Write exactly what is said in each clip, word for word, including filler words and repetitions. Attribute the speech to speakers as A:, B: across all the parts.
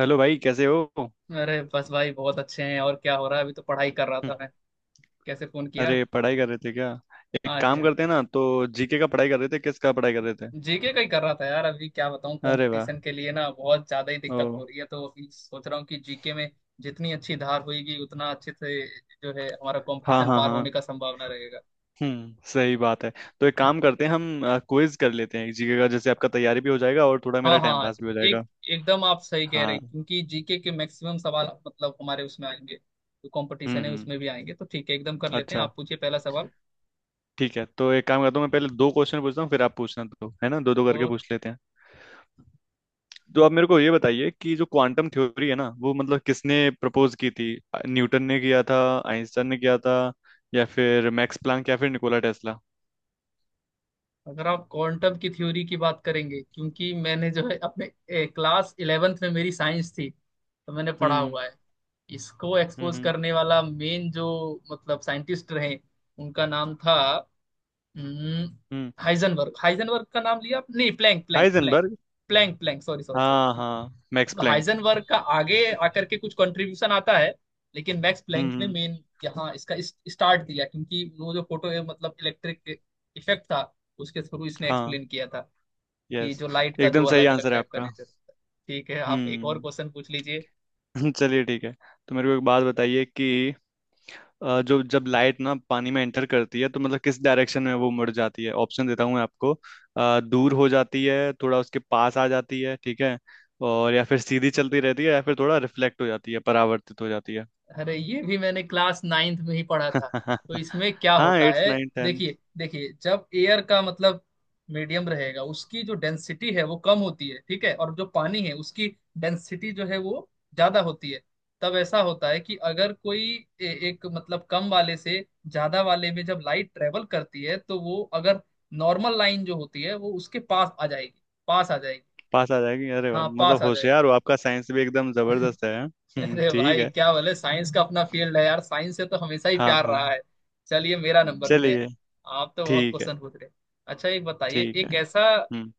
A: Hello भाई, कैसे हो? हम्म।
B: अरे बस भाई बहुत अच्छे हैं। और क्या हो रहा है? अभी तो पढ़ाई कर रहा था मैं। कैसे फोन किया?
A: अरे, पढ़ाई कर रहे थे क्या? एक
B: हाँ जी
A: काम
B: हाँ।
A: करते हैं ना, तो जीके का पढ़ाई कर रहे थे? किसका पढ़ाई कर रहे थे?
B: जीके का ही कर रहा था यार। अभी क्या बताऊँ,
A: अरे वाह।
B: कंपटीशन के लिए ना बहुत ज्यादा ही
A: ओ।
B: दिक्कत हो रही है, तो अभी सोच रहा हूँ कि जीके में जितनी अच्छी धार होगी उतना अच्छे से जो है हमारा
A: हाँ
B: कंपटीशन
A: हाँ
B: पार होने
A: हाँ।
B: का संभावना रहेगा।
A: हम्म, सही बात है। तो एक काम करते हैं हम, क्विज कर लेते हैं जीके का। जैसे आपका तैयारी भी हो जाएगा और थोड़ा
B: हाँ
A: मेरा
B: हाँ
A: टाइम
B: हाँ।
A: पास भी हो
B: एक
A: जाएगा।
B: एकदम आप सही कह रहे
A: हाँ।
B: हैं, क्योंकि जीके के मैक्सिमम सवाल मतलब हमारे उसमें आएंगे, जो
A: हम्म
B: कंपटीशन है उसमें भी
A: हम्म।
B: आएंगे। तो ठीक है, एकदम कर लेते हैं।
A: अच्छा,
B: आप पूछिए पहला सवाल।
A: ठीक है। तो एक काम करता हूँ, मैं पहले दो क्वेश्चन पूछता हूँ फिर आप पूछना, तो है ना, दो दो करके पूछ लेते हैं। तो आप मेरे को ये बताइए कि जो क्वांटम थ्योरी है ना, वो मतलब किसने प्रपोज की थी। न्यूटन ने किया था, आइंस्टाइन ने किया था, या फिर मैक्स प्लैंक, या फिर निकोला टेस्ला।
B: अगर आप क्वांटम की थ्योरी की बात करेंगे, क्योंकि मैंने जो है अपने ए, क्लास इलेवेंथ में मेरी साइंस थी, तो मैंने पढ़ा
A: हम्म
B: हुआ है। इसको
A: हम्म
B: एक्सपोज
A: हम्म
B: करने वाला मेन जो मतलब साइंटिस्ट रहे, उनका नाम था
A: हम्म।
B: हाइजनबर्ग। हाइजनबर्ग का नाम लिया आप- नहीं, Planck Planck Planck
A: Heisenberg.
B: Planck Planck sorry sorry sorry.
A: हाँ हाँ, मैक्स
B: मतलब
A: प्लैंक।
B: हाइजेनबर्ग का आगे आकर के कुछ कंट्रीब्यूशन आता है, लेकिन मैक्स
A: हम्म
B: प्लैंक ने
A: हम्म,
B: मेन यहाँ इसका इस, स्टार्ट दिया, क्योंकि वो जो फोटो है मतलब इलेक्ट्रिक इफेक्ट था, उसके थ्रू इसने
A: हाँ,
B: एक्सप्लेन किया था कि
A: यस,
B: जो लाइट का दो
A: एकदम सही
B: अलग अलग
A: आंसर है
B: टाइप का
A: आपका।
B: नेचर होता है। ठीक है, आप एक और
A: हम्म।
B: क्वेश्चन पूछ लीजिए।
A: चलिए, ठीक है। तो मेरे को एक बात बताइए कि अ, जो जब लाइट ना पानी में एंटर करती है, तो मतलब किस डायरेक्शन में वो मुड़ जाती है? ऑप्शन देता हूँ मैं आपको। अ, दूर हो जाती है, थोड़ा उसके पास आ जाती है, ठीक है, और या फिर सीधी चलती रहती है, या फिर थोड़ा रिफ्लेक्ट हो जाती है, परावर्तित हो जाती है।
B: अरे ये भी मैंने क्लास नाइन्थ में ही पढ़ा था। तो इसमें क्या
A: हाँ,
B: होता
A: एट्थ
B: है,
A: नाइन टेन।
B: देखिए देखिए, जब एयर का मतलब मीडियम रहेगा, उसकी जो डेंसिटी है वो कम होती है, ठीक है, और जो पानी है उसकी डेंसिटी जो है वो ज्यादा होती है। तब ऐसा होता है कि अगर कोई ए, एक मतलब कम वाले से ज्यादा वाले में जब लाइट ट्रेवल करती है, तो वो अगर नॉर्मल लाइन जो होती है वो उसके पास आ जाएगी, पास आ जाएगी।
A: पास आ जाएगी। अरे वाह,
B: हाँ,
A: मतलब
B: पास आ जाएगी।
A: होशियार हो। आपका साइंस भी एकदम जबरदस्त है, हाँ? हम्म,
B: अरे
A: ठीक
B: भाई
A: है।
B: क्या बोले, साइंस का अपना फील्ड है यार, साइंस से तो हमेशा ही
A: हाँ
B: प्यार
A: हाँ।
B: रहा है। चलिए मेरा नंबर में।
A: चलिए,
B: आप तो बहुत
A: ठीक है।
B: क्वेश्चन पूछ रहे। अच्छा, एक बताइए,
A: ठीक
B: एक
A: है।
B: ऐसा
A: हम्म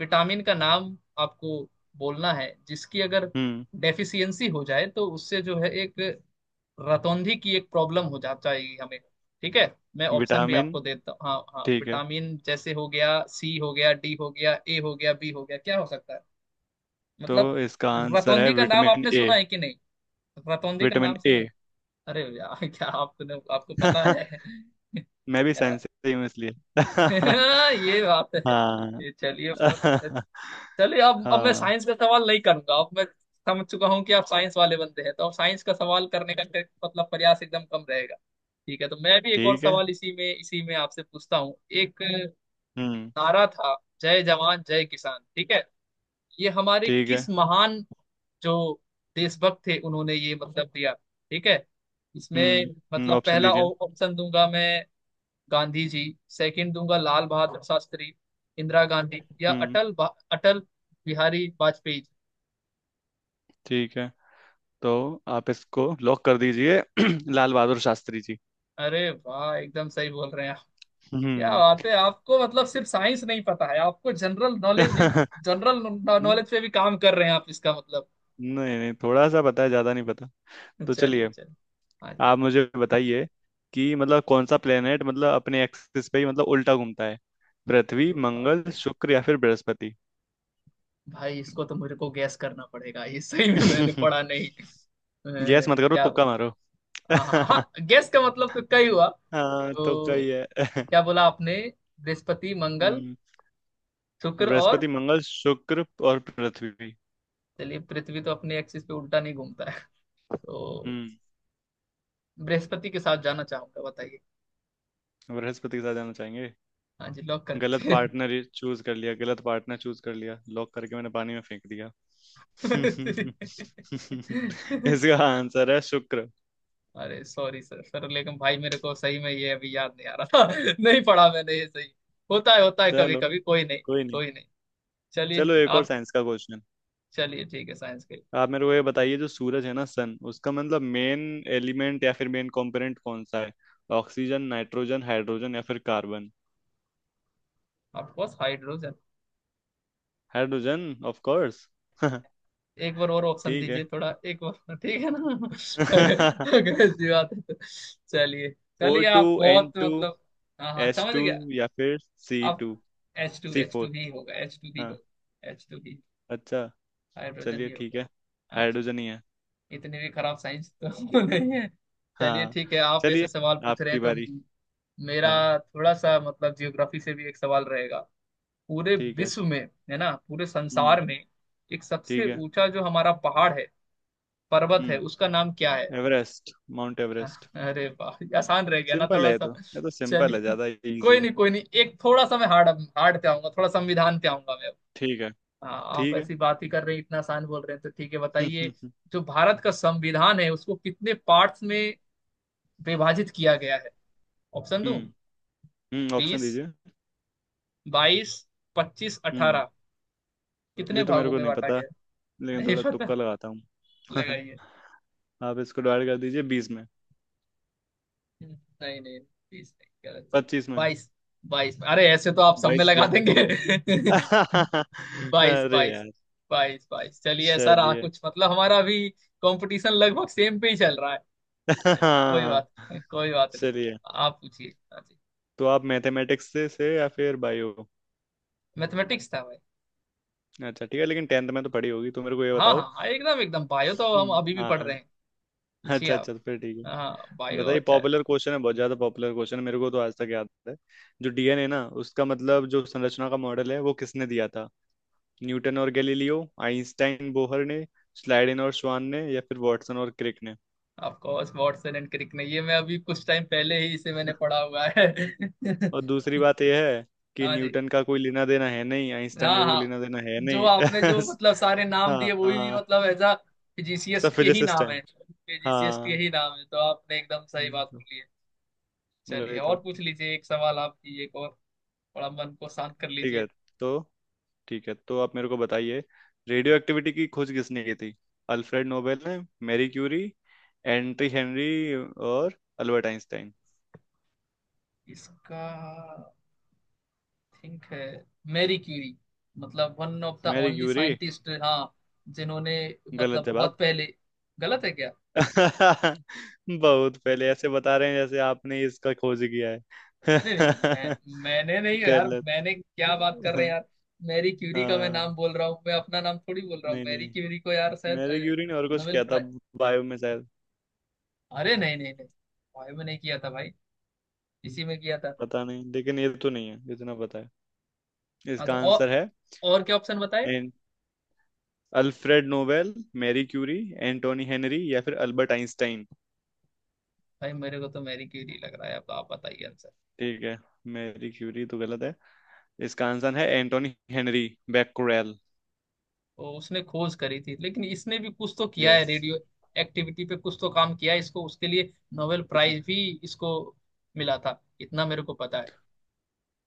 B: विटामिन का नाम आपको बोलना है जिसकी अगर
A: हम्म।
B: डेफिशिएंसी हो जाए तो उससे जो है एक रतौंधी की एक प्रॉब्लम हो जा जाएगी हमें। ठीक है, मैं ऑप्शन भी
A: विटामिन।
B: आपको देता हूँ। हाँ हाँ,
A: ठीक है,
B: विटामिन जैसे हो गया सी, हो गया डी, हो गया ए, हो गया बी, हो गया, क्या हो सकता है
A: तो
B: मतलब?
A: इसका आंसर है
B: रतौंधी का नाम
A: विटामिन
B: आपने
A: ए।
B: सुना है कि नहीं? रतौंधी का
A: विटामिन
B: नाम
A: ए।
B: सुना है? अरे यार क्या आपने, आपको पता है
A: मैं भी
B: क्या?
A: साइंस से ही हूँ इसलिए।
B: ये बात है।
A: हाँ।
B: ये चलिए, बहुत अच्छा। चलिए अब, अब मैं
A: हाँ।
B: साइंस का सवाल नहीं करूंगा। अब मैं समझ चुका हूँ कि आप साइंस वाले बंदे हैं, तो अब साइंस का सवाल करने का फिर मतलब प्रयास एकदम कम रहेगा। ठीक है, तो मैं भी एक और
A: ठीक है।
B: सवाल इसी में इसी में आपसे पूछता हूँ। एक
A: हम्म।
B: नारा था जय जवान जय किसान, ठीक है। ये हमारे
A: ठीक
B: किस
A: है।
B: महान जो देशभक्त थे उन्होंने ये मतलब दिया, ठीक है।
A: हम्म
B: इसमें
A: हम्म,
B: मतलब
A: ऑप्शन
B: पहला
A: दीजिए।
B: ऑ- ऑप्शन दूंगा मैं गांधी जी, सेकंड दूंगा लाल बहादुर शास्त्री, इंदिरा गांधी, या
A: हम्म।
B: अटल बा- अटल बिहारी वाजपेयी जी।
A: ठीक है, तो आप इसको लॉक कर दीजिए लाल बहादुर शास्त्री जी।
B: अरे वाह, एकदम सही बोल रहे हैं आप। क्या
A: हम्म।
B: बात है, आपको मतलब सिर्फ साइंस नहीं पता है, आपको जनरल नॉलेज भी,
A: नहीं,
B: जनरल नॉलेज पे भी काम कर रहे हैं आप, इसका मतलब।
A: नहीं नहीं, थोड़ा सा पता है, ज्यादा नहीं पता। तो
B: चलिए
A: चलिए,
B: चलिए, हाँ जी।
A: आप मुझे बताइए कि मतलब कौन सा प्लेनेट मतलब अपने एक्सिस पे ही मतलब उल्टा घूमता है। पृथ्वी,
B: अरे बाप
A: मंगल,
B: रे,
A: शुक्र, या फिर बृहस्पति।
B: भाई इसको तो मेरे को गैस करना पड़ेगा, ये सही में मैंने पढ़ा नहीं। अ,
A: गैस मत करो,
B: क्या
A: तुक्का मारो।
B: हाँ हाँ हाँ, गैस का मतलब तो कई हुआ।
A: हाँ, तुक्का
B: तो
A: ही है।
B: क्या बोला आपने? बृहस्पति, मंगल,
A: हम्म।
B: शुक्र और,
A: बृहस्पति, मंगल, शुक्र और पृथ्वी।
B: चलिए पृथ्वी तो अपने एक्सिस पे उल्टा नहीं घूमता है, तो
A: हम्म।
B: बृहस्पति के साथ जाना चाहूंगा, बताइए।
A: बृहस्पति के साथ जाना चाहेंगे?
B: हाँ जी, लॉक कर
A: गलत
B: दीजिए।
A: पार्टनर चूज कर लिया, गलत पार्टनर चूज कर लिया, लॉक करके मैंने पानी में फेंक दिया। इसका आंसर है शुक्र।
B: अरे सॉरी सर सर, लेकिन भाई मेरे को सही में ये अभी याद नहीं आ रहा था नहीं पढ़ा मैंने ये सही। होता है होता है कभी
A: चलो,
B: कभी, कोई नहीं,
A: कोई नहीं।
B: कोई नहीं। चलिए
A: चलो, एक और
B: आप,
A: साइंस का क्वेश्चन।
B: चलिए ठीक है साइंस के।
A: आप मेरे को ये बताइए, जो सूरज है ना, सन, उसका मतलब मेन एलिमेंट या फिर मेन कंपोनेंट कौन सा है? ऑक्सीजन, नाइट्रोजन, हाइड्रोजन, या फिर carbon.
B: Of course hydrogen.
A: Hydrogen, of course.
B: एक बार और ऑप्शन
A: ठीक है।
B: दीजिए थोड़ा, एक बार और, ठीक है ना अगर अगर ऐसी बात है तो, चलिए
A: ओ
B: चलिए,
A: टू,
B: आप
A: एन
B: बहुत
A: टू,
B: मतलब, हाँ हाँ
A: एस
B: समझ
A: टू,
B: गया।
A: या फिर सी
B: आप,
A: two,
B: H two
A: C
B: H
A: four.
B: Two ही होगा, एच टू ही
A: हाँ।
B: होगा, एच टू ही
A: अच्छा,
B: हाइड्रोजन
A: चलिए
B: ही
A: ठीक
B: होगा।
A: है।
B: हाँ जी,
A: हाइड्रोजन ही है।
B: इतनी भी खराब साइंस तो नहीं है। चलिए
A: हाँ।
B: ठीक है, आप ऐसे
A: चलिए,
B: सवाल पूछ रहे
A: आपकी
B: हैं तो।
A: बारी।
B: मेरा
A: हाँ।
B: थोड़ा सा मतलब जियोग्राफी से भी एक सवाल रहेगा। पूरे
A: ठीक है।
B: विश्व में, है ना, पूरे संसार
A: हम्म।
B: में एक
A: ठीक
B: सबसे
A: है।
B: ऊंचा जो हमारा पहाड़ है, पर्वत है,
A: हम्म।
B: उसका नाम क्या है?
A: Everest, mount Everest.
B: अरे वाह, ये आसान रह गया ना
A: सिंपल
B: थोड़ा
A: है ये
B: सा।
A: तो, ये तो सिंपल है,
B: चलिए
A: ज्यादा इजी
B: कोई
A: है।
B: नहीं, कोई नहीं, एक थोड़ा सा मैं हार्ड, हार्ड पे आऊंगा, थोड़ा संविधान पे आऊंगा मैं।
A: ठीक है।
B: हाँ, आप
A: ठीक है।
B: ऐसी बात ही कर रहे हैं, इतना आसान बोल रहे हैं तो ठीक है
A: हम्म
B: बताइए।
A: हम्म।
B: जो भारत का संविधान है उसको कितने पार्ट्स में विभाजित किया गया है? ऑप्शन दूं?
A: हम्म हम्म ऑप्शन
B: बीस,
A: दीजिए।
B: बाईस, पच्चीस,
A: हम्म।
B: अठारह, कितने
A: ये तो मेरे
B: भागों
A: को
B: में
A: नहीं
B: बांटा
A: पता,
B: गया है?
A: लेकिन
B: नहीं
A: थोड़ा
B: पता,
A: तुक्का लगाता हूँ।
B: लगाइए।
A: आप इसको डिवाइड कर दीजिए बीस में।
B: नहीं नहीं बीस नहीं, गलत जवाब।
A: पच्चीस में।
B: बाईस? बाईस अरे ऐसे तो आप सब में
A: बाईस
B: लगा
A: गया।
B: देंगे बाईस,
A: अरे
B: बाईस
A: यार।
B: बाईस बाईस। चलिए सर, आ
A: चलिए।
B: कुछ मतलब हमारा भी कंपटीशन लगभग सेम पे ही चल रहा है। चलिए कोई
A: हाँ।
B: बात नहीं, कोई बात नहीं।
A: चलिए,
B: आप पूछिए, हाँ जी।
A: तो आप मैथमेटिक्स से, से या फिर बायो?
B: मैथमेटिक्स था भाई।
A: अच्छा, ठीक है, लेकिन टेंथ में तो पढ़ी होगी, तो मेरे को ये
B: हाँ हाँ
A: बताओ।
B: हाँ, एकदम एकदम, बायो तो हम
A: हम्म,
B: अभी भी पढ़ रहे
A: हाँ।
B: हैं। पूछिए
A: अच्छा
B: आप।
A: अच्छा, तो फिर ठीक है।
B: हाँ बायो
A: बताइए,
B: अच्छा है।
A: पॉपुलर क्वेश्चन है, बहुत ज्यादा पॉपुलर क्वेश्चन है, मेरे को तो आज तक याद है। जो डीएनए ना, उसका मतलब जो संरचना का मॉडल है वो किसने दिया था? न्यूटन और गैलीलियो, आइंस्टाइन बोहर ने, स्लाइडिन और श्वान ने, या फिर वाटसन और Crick.
B: Of course Watson and Crick ने, ये मैं अभी कुछ टाइम पहले ही इसे मैंने पढ़ा हुआ है।
A: और दूसरी बात यह है कि
B: हाँ जी,
A: न्यूटन का कोई लेना देना है नहीं, आइंस्टाइन
B: हाँ
A: का कोई
B: हाँ,
A: लेना देना है
B: जो
A: नहीं।
B: आपने जो मतलब सारे नाम
A: हाँ
B: दिए वही भी
A: हाँ।
B: मतलब एज अ
A: सब
B: फिजिशियस्ट के ही
A: फिजिसिस्ट
B: नाम
A: हैं।
B: है, फिजिशियस्ट के
A: हाँ,
B: ही नाम है तो आपने एकदम सही
A: वही
B: बात
A: तो।
B: बोली है। चलिए
A: वही
B: और
A: तो।
B: पूछ लीजिए एक सवाल आपकी, एक और थोड़ा मन को शांत कर
A: ठीक
B: लीजिए।
A: है, तो ठीक है, तो आप मेरे को बताइए, रेडियो एक्टिविटी की खोज किसने की थी? अल्फ्रेड नोबेल ने, मैरी क्यूरी, एंट्री हेनरी, और अल्बर्ट आइंस्टाइन।
B: इसका थिंक है मैरी क्यूरी, मतलब one of the
A: Marie
B: only
A: Curie.
B: Scientist हाँ, जिन्होंने
A: गलत
B: मतलब
A: जवाब।
B: बहुत पहले, गलत है क्या?
A: बहुत पहले ऐसे बता रहे हैं जैसे आपने ही इसका खोज किया है।
B: नहीं नहीं, मैं मैंने नहीं यार,
A: गलत।
B: मैंने क्या, बात कर रहे हैं
A: हाँ
B: यार। मैरी क्यूरी का मैं
A: हाँ,
B: नाम बोल रहा हूँ, मैं अपना नाम थोड़ी बोल रहा हूँ।
A: नहीं
B: मैरी
A: नहीं,
B: क्यूरी को यार शायद
A: मैरी
B: अ,
A: क्यूरी ने और कुछ
B: नोबेल
A: किया था,
B: प्राइज।
A: बायो में शायद।
B: अरे नहीं नहीं नहीं, भाई में नहीं किया था भाई, इसी में किया था।
A: पता नहीं, लेकिन ये तो नहीं है जितना पता है।
B: हाँ तो,
A: इसका
B: और
A: आंसर है।
B: और क्या ऑप्शन बताए?
A: And, Alfred Nobel, Marie Curie, Antoine Henri, या फिर अल्बर्ट आइंस्टाइन।
B: भाई मेरे को तो मैरी क्यूरी लग रहा है, अब आप बताइए आंसर।
A: ठीक है, मैरी क्यूरी तो गलत है, इसका आंसर है एंटोनी हेनरी बैक्यूरेल।
B: तो उसने खोज करी थी, लेकिन इसने भी कुछ तो किया है
A: यस।
B: रेडियो एक्टिविटी पे, कुछ तो काम किया है, इसको उसके लिए नोबेल
A: कुछ।
B: प्राइज भी इसको मिला था, इतना मेरे को पता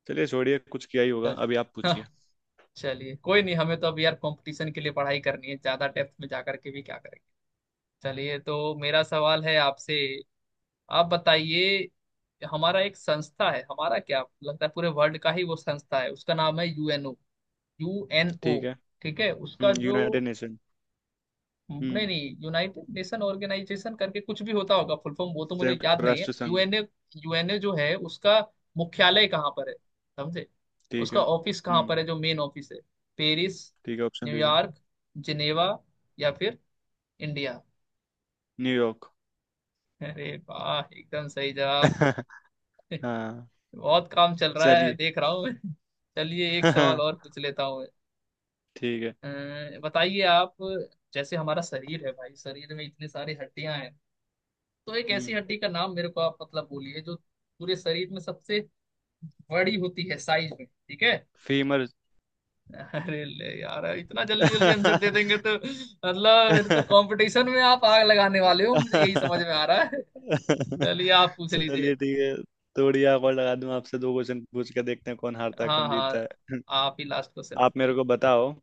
A: चलिए, छोड़िए, कुछ किया ही होगा। अभी आप
B: है।
A: पूछिए।
B: चलिए कोई नहीं, हमें तो अब यार कंपटीशन के लिए पढ़ाई करनी है, ज्यादा डेप्थ में जाकर के भी क्या करेंगे। चलिए तो मेरा सवाल है आपसे, आप बताइए। हमारा एक संस्था है, हमारा क्या लगता है पूरे वर्ल्ड का ही वो संस्था है, उसका नाम है यूएनओ, यूएनओ
A: ठीक है।
B: ठीक है। उसका
A: हम्म,
B: जो,
A: यूनाइटेड नेशन।
B: नहीं
A: हम्म,
B: नहीं, यूनाइटेड नेशन ऑर्गेनाइजेशन करके कुछ भी होता होगा फुल फॉर्म, वो तो मुझे
A: संयुक्त
B: याद नहीं है।
A: राष्ट्र संघ।
B: यूएनए, यूएनए जो है उसका मुख्यालय कहाँ पर है, समझे?
A: ठीक है।
B: उसका ऑफिस कहाँ
A: हम्म।
B: पर है, जो मेन ऑफिस है? पेरिस,
A: ठीक है, ऑप्शन दीजिए।
B: न्यूयॉर्क, जिनेवा, या फिर इंडिया।
A: न्यूयॉर्क।
B: अरे वाह, एकदम सही जवाब।
A: हाँ।
B: बहुत काम चल रहा है
A: चलिए।
B: देख रहा हूँ मैं। चलिए एक सवाल और पूछ लेता हूँ
A: ठीक है।
B: मैं। अ, बताइए आप, जैसे हमारा शरीर है भाई, शरीर में इतने सारी हड्डियां हैं, तो एक ऐसी
A: हम्म।
B: हड्डी का नाम मेरे को आप मतलब बोलिए जो पूरे शरीर में सबसे बड़ी होती है साइज में, ठीक है।
A: फीमर।
B: अरे ले यार, इतना जल्दी जल्दी आंसर दे देंगे तो मतलब फिर तो कंपटीशन में आप आग लगाने वाले हो, मुझे यही समझ में आ रहा है। चलिए आप पूछ लीजिए,
A: चलिए, ठीक है। थोड़ी आप और लगा दूं, आपसे दो क्वेश्चन पूछ के देखते हैं कौन हारता है
B: हाँ
A: कौन
B: हाँ,
A: जीतता है।
B: आप ही लास्ट क्वेश्चन
A: आप मेरे
B: पूछ
A: को बताओ,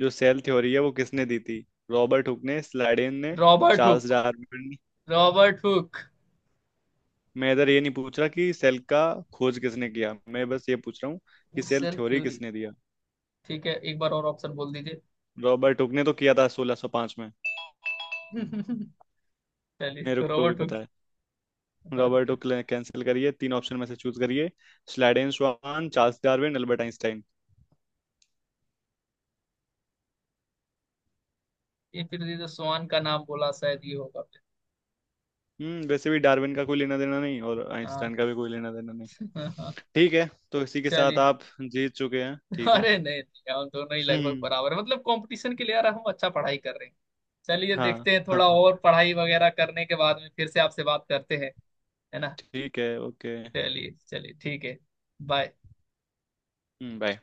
A: जो सेल थ्योरी है वो किसने दी थी? रॉबर्ट हुक ने, स्लाइडेन ने,
B: लीजिए। Robert
A: Charles
B: Hooke,
A: Darwin.
B: Robert Hooke
A: मैं इधर ये नहीं पूछ रहा कि सेल का खोज किसने किया, मैं बस ये पूछ रहा हूँ कि सेल
B: सेल
A: थ्योरी
B: थ्योरी,
A: किसने दिया।
B: ठीक है, एक बार और ऑप्शन बोल दीजिए।
A: रॉबर्ट हुक ने तो किया था सोलह सौ पाँच में,
B: चलिए
A: मेरे
B: तो
A: को भी
B: रॉबर्ट हुक।
A: पता है। रॉबर्ट
B: ओके,
A: हुक ने, कैंसिल करिए, तीन ऑप्शन में से चूज करिए। Schleiden Swann, Charles Darwin, Albert Einstein.
B: ये फिर ये जो स्वान का नाम बोला शायद ये होगा फिर।
A: हम्म, वैसे भी डार्विन का कोई लेना देना नहीं और आइंस्टाइन
B: हाँ।
A: का भी कोई लेना देना नहीं। ठीक है, तो इसी के साथ
B: चलिए।
A: आप जीत चुके हैं, ठीक है।
B: अरे नहीं नहीं, हम दोनों ही लगभग
A: हम्म।
B: बराबर हैं। मतलब कंपटीशन के लिए यार हम अच्छा पढ़ाई कर रहे हैं। चलिए
A: हाँ
B: देखते हैं,
A: हाँ
B: थोड़ा
A: हाँ,
B: और पढ़ाई वगैरह करने के बाद में फिर से आपसे बात करते हैं, है ना।
A: ठीक है, ओके।
B: चलिए चलिए ठीक है। बाय।
A: हम्म, बाय।